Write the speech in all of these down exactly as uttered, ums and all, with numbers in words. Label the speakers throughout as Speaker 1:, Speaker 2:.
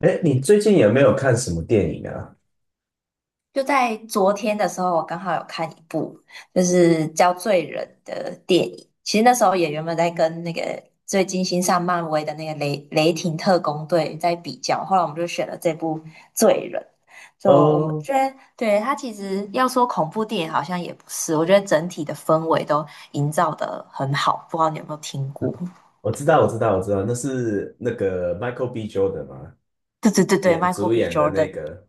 Speaker 1: 哎，你最近有没有看什么电影啊？
Speaker 2: 就在昨天的时候，我刚好有看一部就是叫《罪人》的电影。其实那时候也原本在跟那个最近新上漫威的那个雷雷霆特工队在比较，后来我们就选了这部《罪人》。就我们
Speaker 1: 哦，
Speaker 2: 觉得，对，它其实要说恐怖电影好像也不是，我觉得整体的氛围都营造的很好。不知道你有没有听过？
Speaker 1: 我知道，我知道，我知道，那是那个 Michael B. Jordan 吗？
Speaker 2: 对对对对
Speaker 1: 演
Speaker 2: ，Michael
Speaker 1: 主
Speaker 2: B.
Speaker 1: 演的那
Speaker 2: Jordan。
Speaker 1: 个。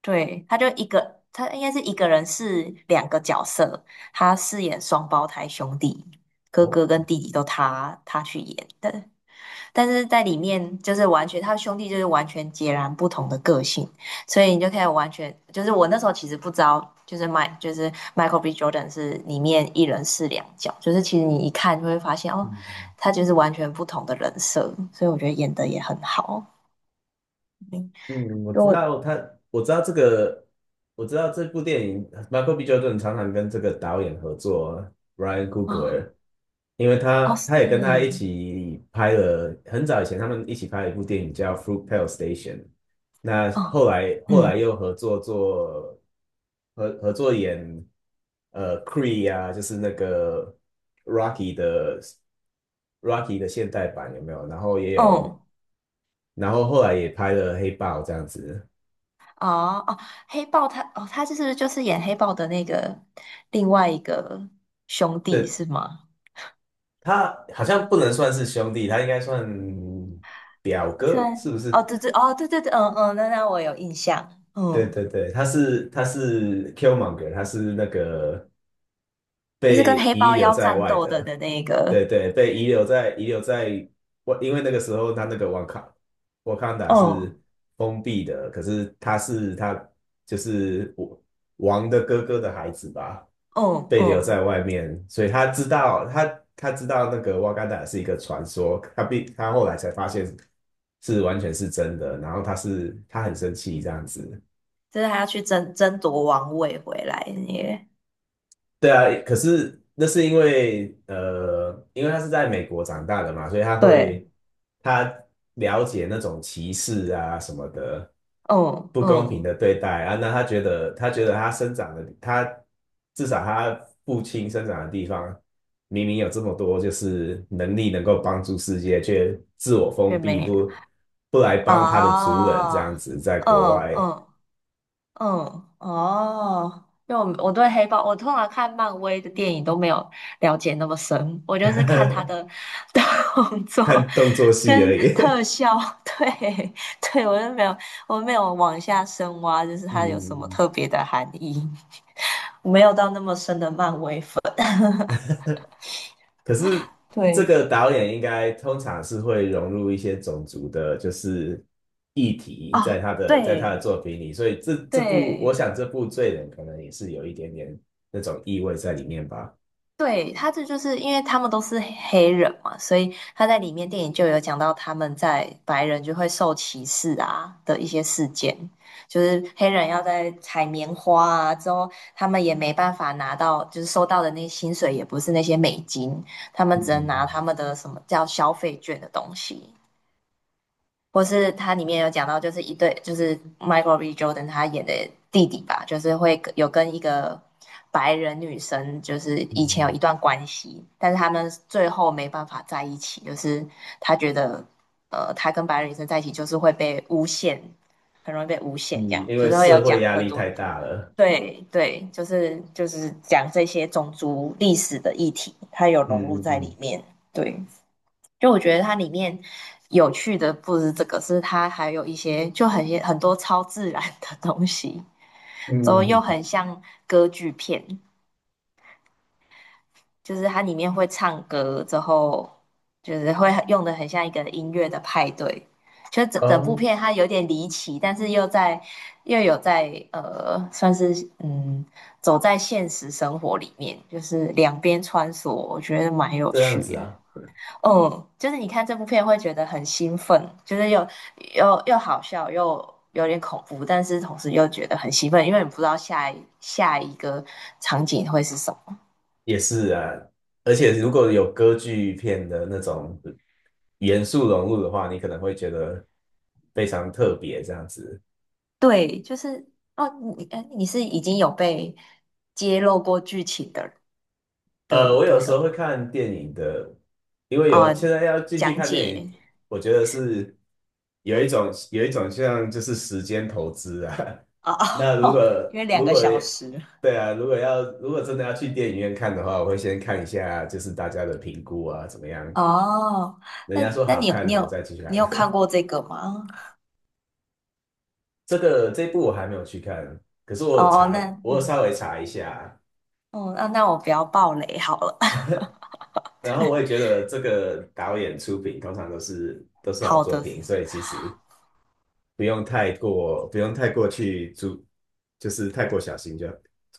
Speaker 2: 对，他就一个，他应该是一个人是两个角色，他饰演双胞胎兄弟，哥
Speaker 1: 哦，
Speaker 2: 哥跟弟弟都他他去演的，但是在里面就是完全他兄弟就是完全截然不同的个性，所以你就可以完全就是我那时候其实不知道，就是迈就是 Michael B. Jordan 是里面一人饰两角，就是其实你一看就会发现哦，
Speaker 1: 嗯
Speaker 2: 他就是完全不同的人设，所以我觉得演的也很好，
Speaker 1: 嗯，我
Speaker 2: 如
Speaker 1: 知
Speaker 2: 果
Speaker 1: 道他，我知道这个，我知道这部电影，Michael B. j o r n 常常跟这个导演合作，Ryan
Speaker 2: 哦
Speaker 1: Coogler，因为他
Speaker 2: 哦是
Speaker 1: 他也跟他一
Speaker 2: 哦。
Speaker 1: 起拍了，很早以前他们一起拍了一部电影叫《Fruitvale Station》。那
Speaker 2: 哦
Speaker 1: 后来后来
Speaker 2: 嗯，
Speaker 1: 又合作做合合作演呃 Cree 啊，就是那个 Rocky 的 Rocky 的现代版有没有？然后也
Speaker 2: 嗯
Speaker 1: 有，
Speaker 2: 哦
Speaker 1: 然后后来也拍了《黑豹》这样子。
Speaker 2: 哦，黑豹他哦，他就是就是演黑豹的那个另外一个兄弟
Speaker 1: 对，
Speaker 2: 是吗？
Speaker 1: 他好像不能算是兄弟，他应该算表
Speaker 2: 在
Speaker 1: 哥，是不
Speaker 2: 哦，
Speaker 1: 是？
Speaker 2: 对对哦，对对对，嗯嗯，那那我有印象，
Speaker 1: 对
Speaker 2: 嗯，
Speaker 1: 对对，他是他是 Killmonger,他是那个
Speaker 2: 就是跟
Speaker 1: 被
Speaker 2: 黑
Speaker 1: 遗
Speaker 2: 豹
Speaker 1: 留
Speaker 2: 要
Speaker 1: 在
Speaker 2: 战
Speaker 1: 外
Speaker 2: 斗的
Speaker 1: 的。
Speaker 2: 的那
Speaker 1: 对
Speaker 2: 个，
Speaker 1: 对，被遗留在遗留在外，因为那个时候他那个瓦卡瓦坎达
Speaker 2: 哦
Speaker 1: 是封闭的，可是他是他就是我王的哥哥的孩子吧？
Speaker 2: 哦
Speaker 1: 被留
Speaker 2: 哦，
Speaker 1: 在外面，所以他知道他他知道那个瓦干达是一个传说，他必他后来才发现是完全是真的，然后他是他很生气这样子。
Speaker 2: 就是他要去争争夺王位回来的那个，
Speaker 1: 对啊，可是那是因为呃，因为他是在美国长大的嘛，所以他
Speaker 2: 对，
Speaker 1: 会他了解那种歧视啊什么的
Speaker 2: 嗯
Speaker 1: 不公平
Speaker 2: 嗯，
Speaker 1: 的对待啊，那他觉得他觉得他生长的他至少他父亲生长的地方明明有这么多就是能力能够帮助世界，却自我
Speaker 2: 却
Speaker 1: 封闭
Speaker 2: 没
Speaker 1: 不不来帮他的族人这样
Speaker 2: 啊，
Speaker 1: 子，在国
Speaker 2: 哦嗯
Speaker 1: 外
Speaker 2: 嗯。嗯，哦，因为我我对黑豹，我通常看漫威的电影都没有了解那么深，我就是看他的 动作
Speaker 1: 看动作戏而
Speaker 2: 跟
Speaker 1: 已。
Speaker 2: 特 效，对对，我就没有我没有往下深挖，就是它有什么
Speaker 1: 嗯，
Speaker 2: 特别的含义，没有到那么深的漫威粉。
Speaker 1: 可是这
Speaker 2: 对
Speaker 1: 个导演应该通常是会融入一些种族的，就是议题在
Speaker 2: 啊，
Speaker 1: 他的在他的
Speaker 2: 对
Speaker 1: 作品里，所以这这部我
Speaker 2: 对，
Speaker 1: 想这部《罪人》可能也是有一点点那种意味在里面吧。
Speaker 2: 对，他这就是因为他们都是黑人嘛，所以他在里面电影就有讲到他们在白人就会受歧视啊的一些事件，就是黑人要在采棉花啊之后，他们也没办法拿到，就是收到的那些薪水也不是那些美金，他们只能拿
Speaker 1: 嗯
Speaker 2: 他们的什么叫消费券的东西。或是它里面有讲到，就是一对，就是 Michael B. Jordan 他演的弟弟吧，就是会跟有跟一个白人女生，就是
Speaker 1: 嗯
Speaker 2: 以前有
Speaker 1: 嗯
Speaker 2: 一段关系，但是他们最后没办法在一起，就是他觉得，呃，他跟白人女生在一起就是会被诬陷，很容易被诬
Speaker 1: 嗯，
Speaker 2: 陷，这样
Speaker 1: 因
Speaker 2: 就
Speaker 1: 为
Speaker 2: 是会有
Speaker 1: 社会
Speaker 2: 讲
Speaker 1: 压
Speaker 2: 很
Speaker 1: 力
Speaker 2: 多，
Speaker 1: 太大了。
Speaker 2: 对对，就是就是讲这些种族历史的议题，它有融
Speaker 1: 嗯
Speaker 2: 入在
Speaker 1: 嗯
Speaker 2: 里面，对。就我觉得它里面有趣的不是这个，是它还有一些就很很多超自然的东西，之后
Speaker 1: 嗯
Speaker 2: 又
Speaker 1: 嗯，
Speaker 2: 很像歌剧片，就是它里面会唱歌，之后就是会很用的很像一个音乐的派对。就整整部
Speaker 1: 哦，
Speaker 2: 片它有点离奇，但是又在又有在呃，算是嗯走在现实生活里面，就是两边穿梭，我觉得蛮有
Speaker 1: 这样
Speaker 2: 趣
Speaker 1: 子
Speaker 2: 的。
Speaker 1: 啊。
Speaker 2: 嗯，就是你看这部片会觉得很兴奋，就是又又又好笑，又有点恐怖，但是同时又觉得很兴奋，因为你不知道下一下一个场景会是什么。
Speaker 1: 也是啊，而且如果有歌剧片的那种元素融入的话，你可能会觉得非常特别这样子。
Speaker 2: 对，就是哦，你哎你是已经有被揭露过剧情的
Speaker 1: 呃，
Speaker 2: 的
Speaker 1: 我有
Speaker 2: 的
Speaker 1: 时
Speaker 2: 人
Speaker 1: 候会
Speaker 2: 吗？
Speaker 1: 看电影的，因为有现
Speaker 2: 哦，
Speaker 1: 在要进去
Speaker 2: 讲
Speaker 1: 看电影，
Speaker 2: 解
Speaker 1: 我觉得是有一种有一种像就是时间投资啊。
Speaker 2: 哦，
Speaker 1: 那如果
Speaker 2: 哦，因为两
Speaker 1: 如
Speaker 2: 个
Speaker 1: 果
Speaker 2: 小时
Speaker 1: 对啊，如果要如果真的要去电影院看的话，我会先看一下就是大家的评估啊，怎么样？
Speaker 2: 哦，
Speaker 1: 人
Speaker 2: 那
Speaker 1: 家说
Speaker 2: 那
Speaker 1: 好
Speaker 2: 你有
Speaker 1: 看，
Speaker 2: 你
Speaker 1: 我再
Speaker 2: 有
Speaker 1: 去
Speaker 2: 你
Speaker 1: 看。
Speaker 2: 有看 过这个吗？
Speaker 1: 这个这一部我还没有去看，可是我
Speaker 2: 哦，
Speaker 1: 查，
Speaker 2: 那
Speaker 1: 我有
Speaker 2: 嗯。
Speaker 1: 稍微查一下，
Speaker 2: 哦，那那我不要爆雷好了。
Speaker 1: 然后我也觉得这个导演出品通常都是都是好
Speaker 2: 好
Speaker 1: 作
Speaker 2: 的
Speaker 1: 品，
Speaker 2: 是
Speaker 1: 所以其实不用太过不用太过去注，就是太过小心就，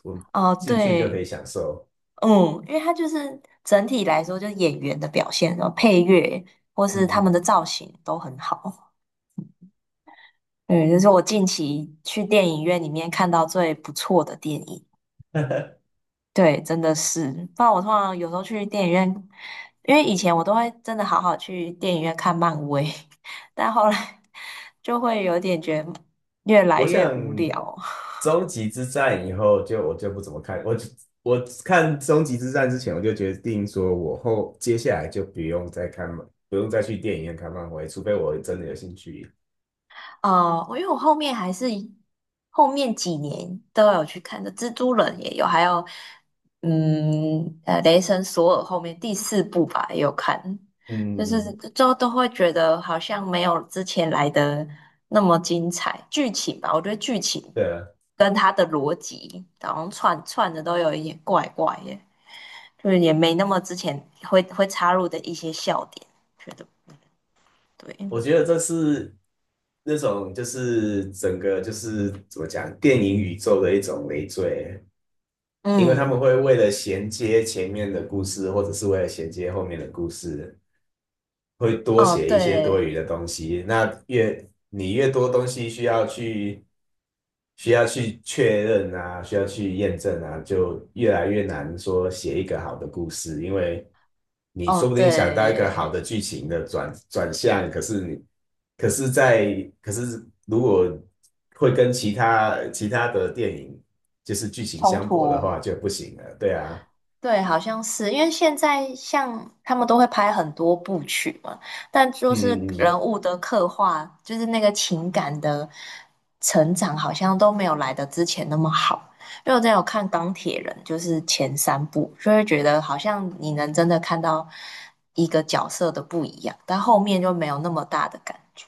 Speaker 1: 我
Speaker 2: 哦，
Speaker 1: 进去就可
Speaker 2: 对，
Speaker 1: 以享受。
Speaker 2: 嗯，因为它就是整体来说，就是演员的表现，然后配乐或
Speaker 1: 嗯，
Speaker 2: 是他们的
Speaker 1: 嗯
Speaker 2: 造型都很好。对，这是我近期去电影院里面看到最不错的电影。对，真的是，不然我通常有时候去电影院，因为以前我都会真的好好去电影院看漫威，但后来 就会有点觉得越来
Speaker 1: 我
Speaker 2: 越无
Speaker 1: 想
Speaker 2: 聊。
Speaker 1: 终 极之战以后就我就不怎么看，我我看终极之战之前我就决定说我后接下来就不用再看漫，不用再去电影院看漫威，除非我真的有兴趣。
Speaker 2: 哦，我因为我后面还是后面几年都有去看的，蜘蛛人也有，还有嗯呃，雷神索尔后面第四部吧也有看，就是
Speaker 1: 嗯，
Speaker 2: 就都会觉得好像没有之前来的那么精彩，剧情吧，我觉得剧情
Speaker 1: 对啊，
Speaker 2: 跟它的逻辑好像串串的都有一点怪怪的，就是也没那么之前会会插入的一些笑点，觉得对，
Speaker 1: 我觉得这是那种就是整个就是怎么讲，电影宇宙的一种累赘，因为他
Speaker 2: 嗯，
Speaker 1: 们会为了衔接前面的故事，或者是为了衔接后面的故事，会多
Speaker 2: 哦
Speaker 1: 写一些多
Speaker 2: 对。
Speaker 1: 余的东西。那越你越多东西需要去需要去确认啊，需要去验证啊，就越来越难说写一个好的故事，因为你
Speaker 2: 哦，
Speaker 1: 说不定想到一个好
Speaker 2: 对。
Speaker 1: 的剧情的转转向，可是你可是在可是如果会跟其他其他的电影就是剧情
Speaker 2: 冲
Speaker 1: 相悖的
Speaker 2: 突。
Speaker 1: 话就不行了，对啊。
Speaker 2: 对，好像是因为现在像他们都会拍很多部曲嘛，但就是
Speaker 1: 嗯嗯，
Speaker 2: 人物的刻画，就是那个情感的成长，好像都没有来的之前那么好。因为我之前有看《钢铁人》，就是前三部，就会觉得好像你能真的看到一个角色的不一样，但后面就没有那么大的感觉。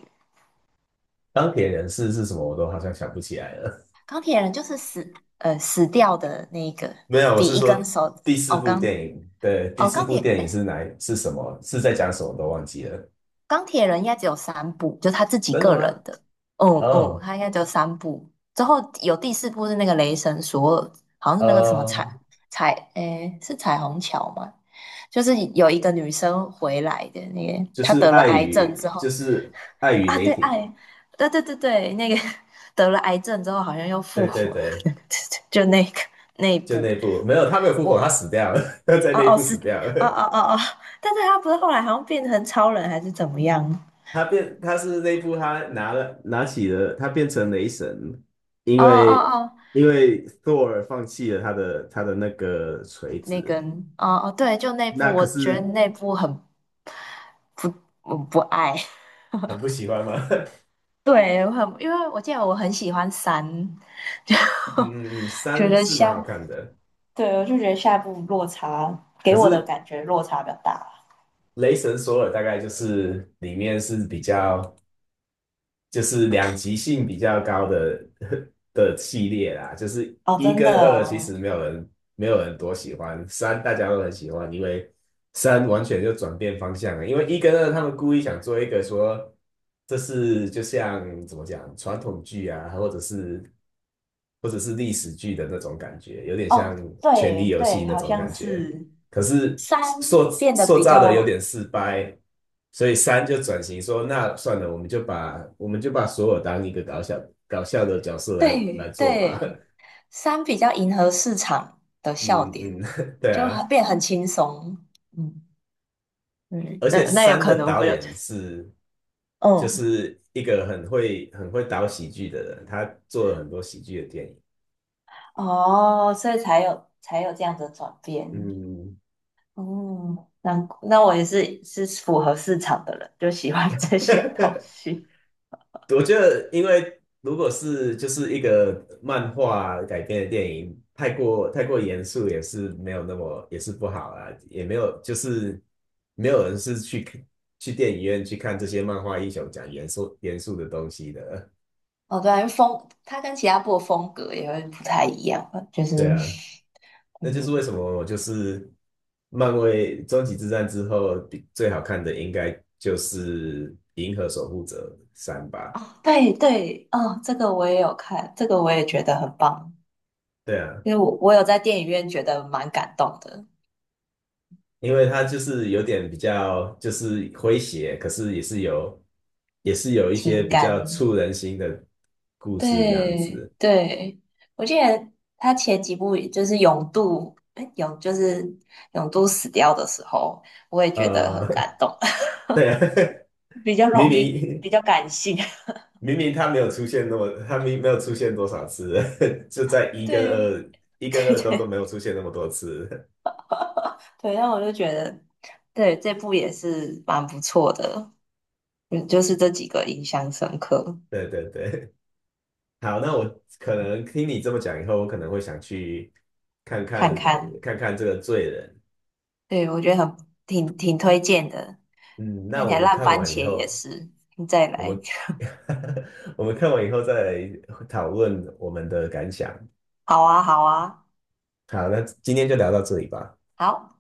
Speaker 1: 钢铁人是是什么，我都好像想不起来了。
Speaker 2: 钢铁人就是死，呃，死掉的那个，
Speaker 1: 没有，我
Speaker 2: 比
Speaker 1: 是
Speaker 2: 一根
Speaker 1: 说
Speaker 2: 手，
Speaker 1: 第四
Speaker 2: 哦，
Speaker 1: 部
Speaker 2: 钢
Speaker 1: 电影。对，第
Speaker 2: 哦，
Speaker 1: 四
Speaker 2: 钢
Speaker 1: 部
Speaker 2: 铁，
Speaker 1: 电影
Speaker 2: 哎，
Speaker 1: 是哪一是什么？是在讲什么？都忘记了。
Speaker 2: 钢铁人应该只有三部，就他自己
Speaker 1: 真的
Speaker 2: 个
Speaker 1: 吗？
Speaker 2: 人的。嗯嗯，
Speaker 1: 哦，
Speaker 2: 他应该只有三部。之后有第四部是那个雷神索尔，好像是那个什么彩
Speaker 1: 呃，
Speaker 2: 彩，哎，是彩虹桥吗？就是有一个女生回来的那个，
Speaker 1: 就
Speaker 2: 她
Speaker 1: 是
Speaker 2: 得了
Speaker 1: 爱
Speaker 2: 癌症
Speaker 1: 与
Speaker 2: 之后
Speaker 1: 就是爱与
Speaker 2: 啊，
Speaker 1: 雷
Speaker 2: 对，
Speaker 1: 霆。
Speaker 2: 爱，对对对对，那个 得了癌症之后好像又复
Speaker 1: 对
Speaker 2: 活
Speaker 1: 对
Speaker 2: 了，
Speaker 1: 对，
Speaker 2: 就那个那一
Speaker 1: 就
Speaker 2: 部，
Speaker 1: 那部没有，他没有复活，他
Speaker 2: 我
Speaker 1: 死掉了，他在
Speaker 2: 啊
Speaker 1: 那
Speaker 2: 哦
Speaker 1: 部
Speaker 2: 是
Speaker 1: 死掉
Speaker 2: 啊
Speaker 1: 了。
Speaker 2: 啊啊啊，但是他不是后来好像变成超人还是怎么样？
Speaker 1: 他变他是那部他拿了拿起了他变成雷神，因
Speaker 2: 哦哦
Speaker 1: 为
Speaker 2: 哦，
Speaker 1: 因为 Thor 放弃了他的他的那个锤
Speaker 2: 那
Speaker 1: 子。
Speaker 2: 个，哦哦，对，就那部，
Speaker 1: 那可
Speaker 2: 我觉得
Speaker 1: 是
Speaker 2: 那部很不，我不爱。
Speaker 1: 很不喜欢吗？
Speaker 2: 对，我很，因为我记得我很喜欢三，就
Speaker 1: 嗯，
Speaker 2: 觉
Speaker 1: 三
Speaker 2: 得
Speaker 1: 是蛮
Speaker 2: 下，
Speaker 1: 好看的，
Speaker 2: 对，我就觉得下一部落差
Speaker 1: 可
Speaker 2: 给我的
Speaker 1: 是
Speaker 2: 感觉落差比较大。
Speaker 1: 雷神索尔大概就是里面是比较就是两极性比较高的 的系列啦，就是
Speaker 2: 哦，
Speaker 1: 一
Speaker 2: 真的
Speaker 1: 跟二其实
Speaker 2: 哦，
Speaker 1: 没有人没有人多喜欢，三大家都很喜欢，因为三完全就转变方向了，因为一跟二他们故意想做一个说这是就像怎么讲传统剧啊，或者是或者是历史剧的那种感觉，有点像
Speaker 2: 哦，
Speaker 1: 《权力
Speaker 2: 对
Speaker 1: 游戏》
Speaker 2: 对，
Speaker 1: 那
Speaker 2: 好
Speaker 1: 种
Speaker 2: 像
Speaker 1: 感觉。
Speaker 2: 是
Speaker 1: 可是
Speaker 2: 三
Speaker 1: 塑
Speaker 2: 变得
Speaker 1: 塑
Speaker 2: 比
Speaker 1: 造的有点
Speaker 2: 较，
Speaker 1: 失败，所以三就转型说，那算了，我们就把我们就把索尔当一个搞笑搞笑的角色来来
Speaker 2: 对
Speaker 1: 做吧。
Speaker 2: 对，三比较迎合市场的笑
Speaker 1: 嗯
Speaker 2: 点，
Speaker 1: 嗯，对
Speaker 2: 就
Speaker 1: 啊，
Speaker 2: 很变得很轻松。嗯。嗯，
Speaker 1: 而
Speaker 2: 那
Speaker 1: 且
Speaker 2: 那有
Speaker 1: 三
Speaker 2: 可
Speaker 1: 的
Speaker 2: 能
Speaker 1: 导
Speaker 2: 不就，
Speaker 1: 演是就
Speaker 2: 嗯，
Speaker 1: 是一个很会很会导喜剧的人，他做了很多喜剧的电影。
Speaker 2: 哦，所以才有才有这样的转变，
Speaker 1: 嗯，
Speaker 2: 哦，那那我也是是符合市场的人，就喜欢 这些东 西。
Speaker 1: 我觉得，因为如果是就是一个漫画改编的电影，太过太过严肃也是没有那么也是不好啊，也没有就是没有人是去去电影院去看这些漫画英雄讲严肃严肃的东西的。
Speaker 2: 哦，对啊，因为风它跟其他部的风格也会不太一样吧就是
Speaker 1: 对啊，那就是
Speaker 2: 嗯，
Speaker 1: 为什么我就是漫威终极之战之后比最好看的应该就是《银河守护者三》
Speaker 2: 哦，
Speaker 1: 吧。
Speaker 2: 对对，哦，这个我也有看，这个我也觉得很棒，
Speaker 1: 对啊，
Speaker 2: 因为我我有在电影院觉得蛮感动的，
Speaker 1: 因为它就是有点比较就是诙谐，可是也是有也是有一些
Speaker 2: 情
Speaker 1: 比较
Speaker 2: 感。
Speaker 1: 触人心的故事这样
Speaker 2: 对
Speaker 1: 子。
Speaker 2: 对，我记得他前几部就是永度，哎，永就是永度死掉的时候，我也觉得很感
Speaker 1: 呃，
Speaker 2: 动，
Speaker 1: 对啊，
Speaker 2: 比 较
Speaker 1: 明
Speaker 2: 容易，
Speaker 1: 明
Speaker 2: 比较感性。
Speaker 1: 明明他没有出现那么，他明没有出现多少次，就在 一跟
Speaker 2: 对
Speaker 1: 二一跟
Speaker 2: 对
Speaker 1: 二都都
Speaker 2: 对
Speaker 1: 没有出现那么多次。
Speaker 2: 对，那我就觉得，对，这部也是蛮不错的，嗯，就是这几个印象深刻，
Speaker 1: 对对对，好，那我可能听你这么讲以后，我可能会想去看
Speaker 2: 看
Speaker 1: 看
Speaker 2: 看，
Speaker 1: 看看这个罪人。
Speaker 2: 对，我觉得很挺挺推荐的，
Speaker 1: 嗯，那
Speaker 2: 看起
Speaker 1: 我
Speaker 2: 来
Speaker 1: 们
Speaker 2: 烂
Speaker 1: 看
Speaker 2: 番
Speaker 1: 完以
Speaker 2: 茄也
Speaker 1: 后。
Speaker 2: 是，再
Speaker 1: 我
Speaker 2: 来，
Speaker 1: 们 我们看完以后再来讨论我们的感想。
Speaker 2: 好啊好啊，
Speaker 1: 好，那今天就聊到这里吧。
Speaker 2: 好。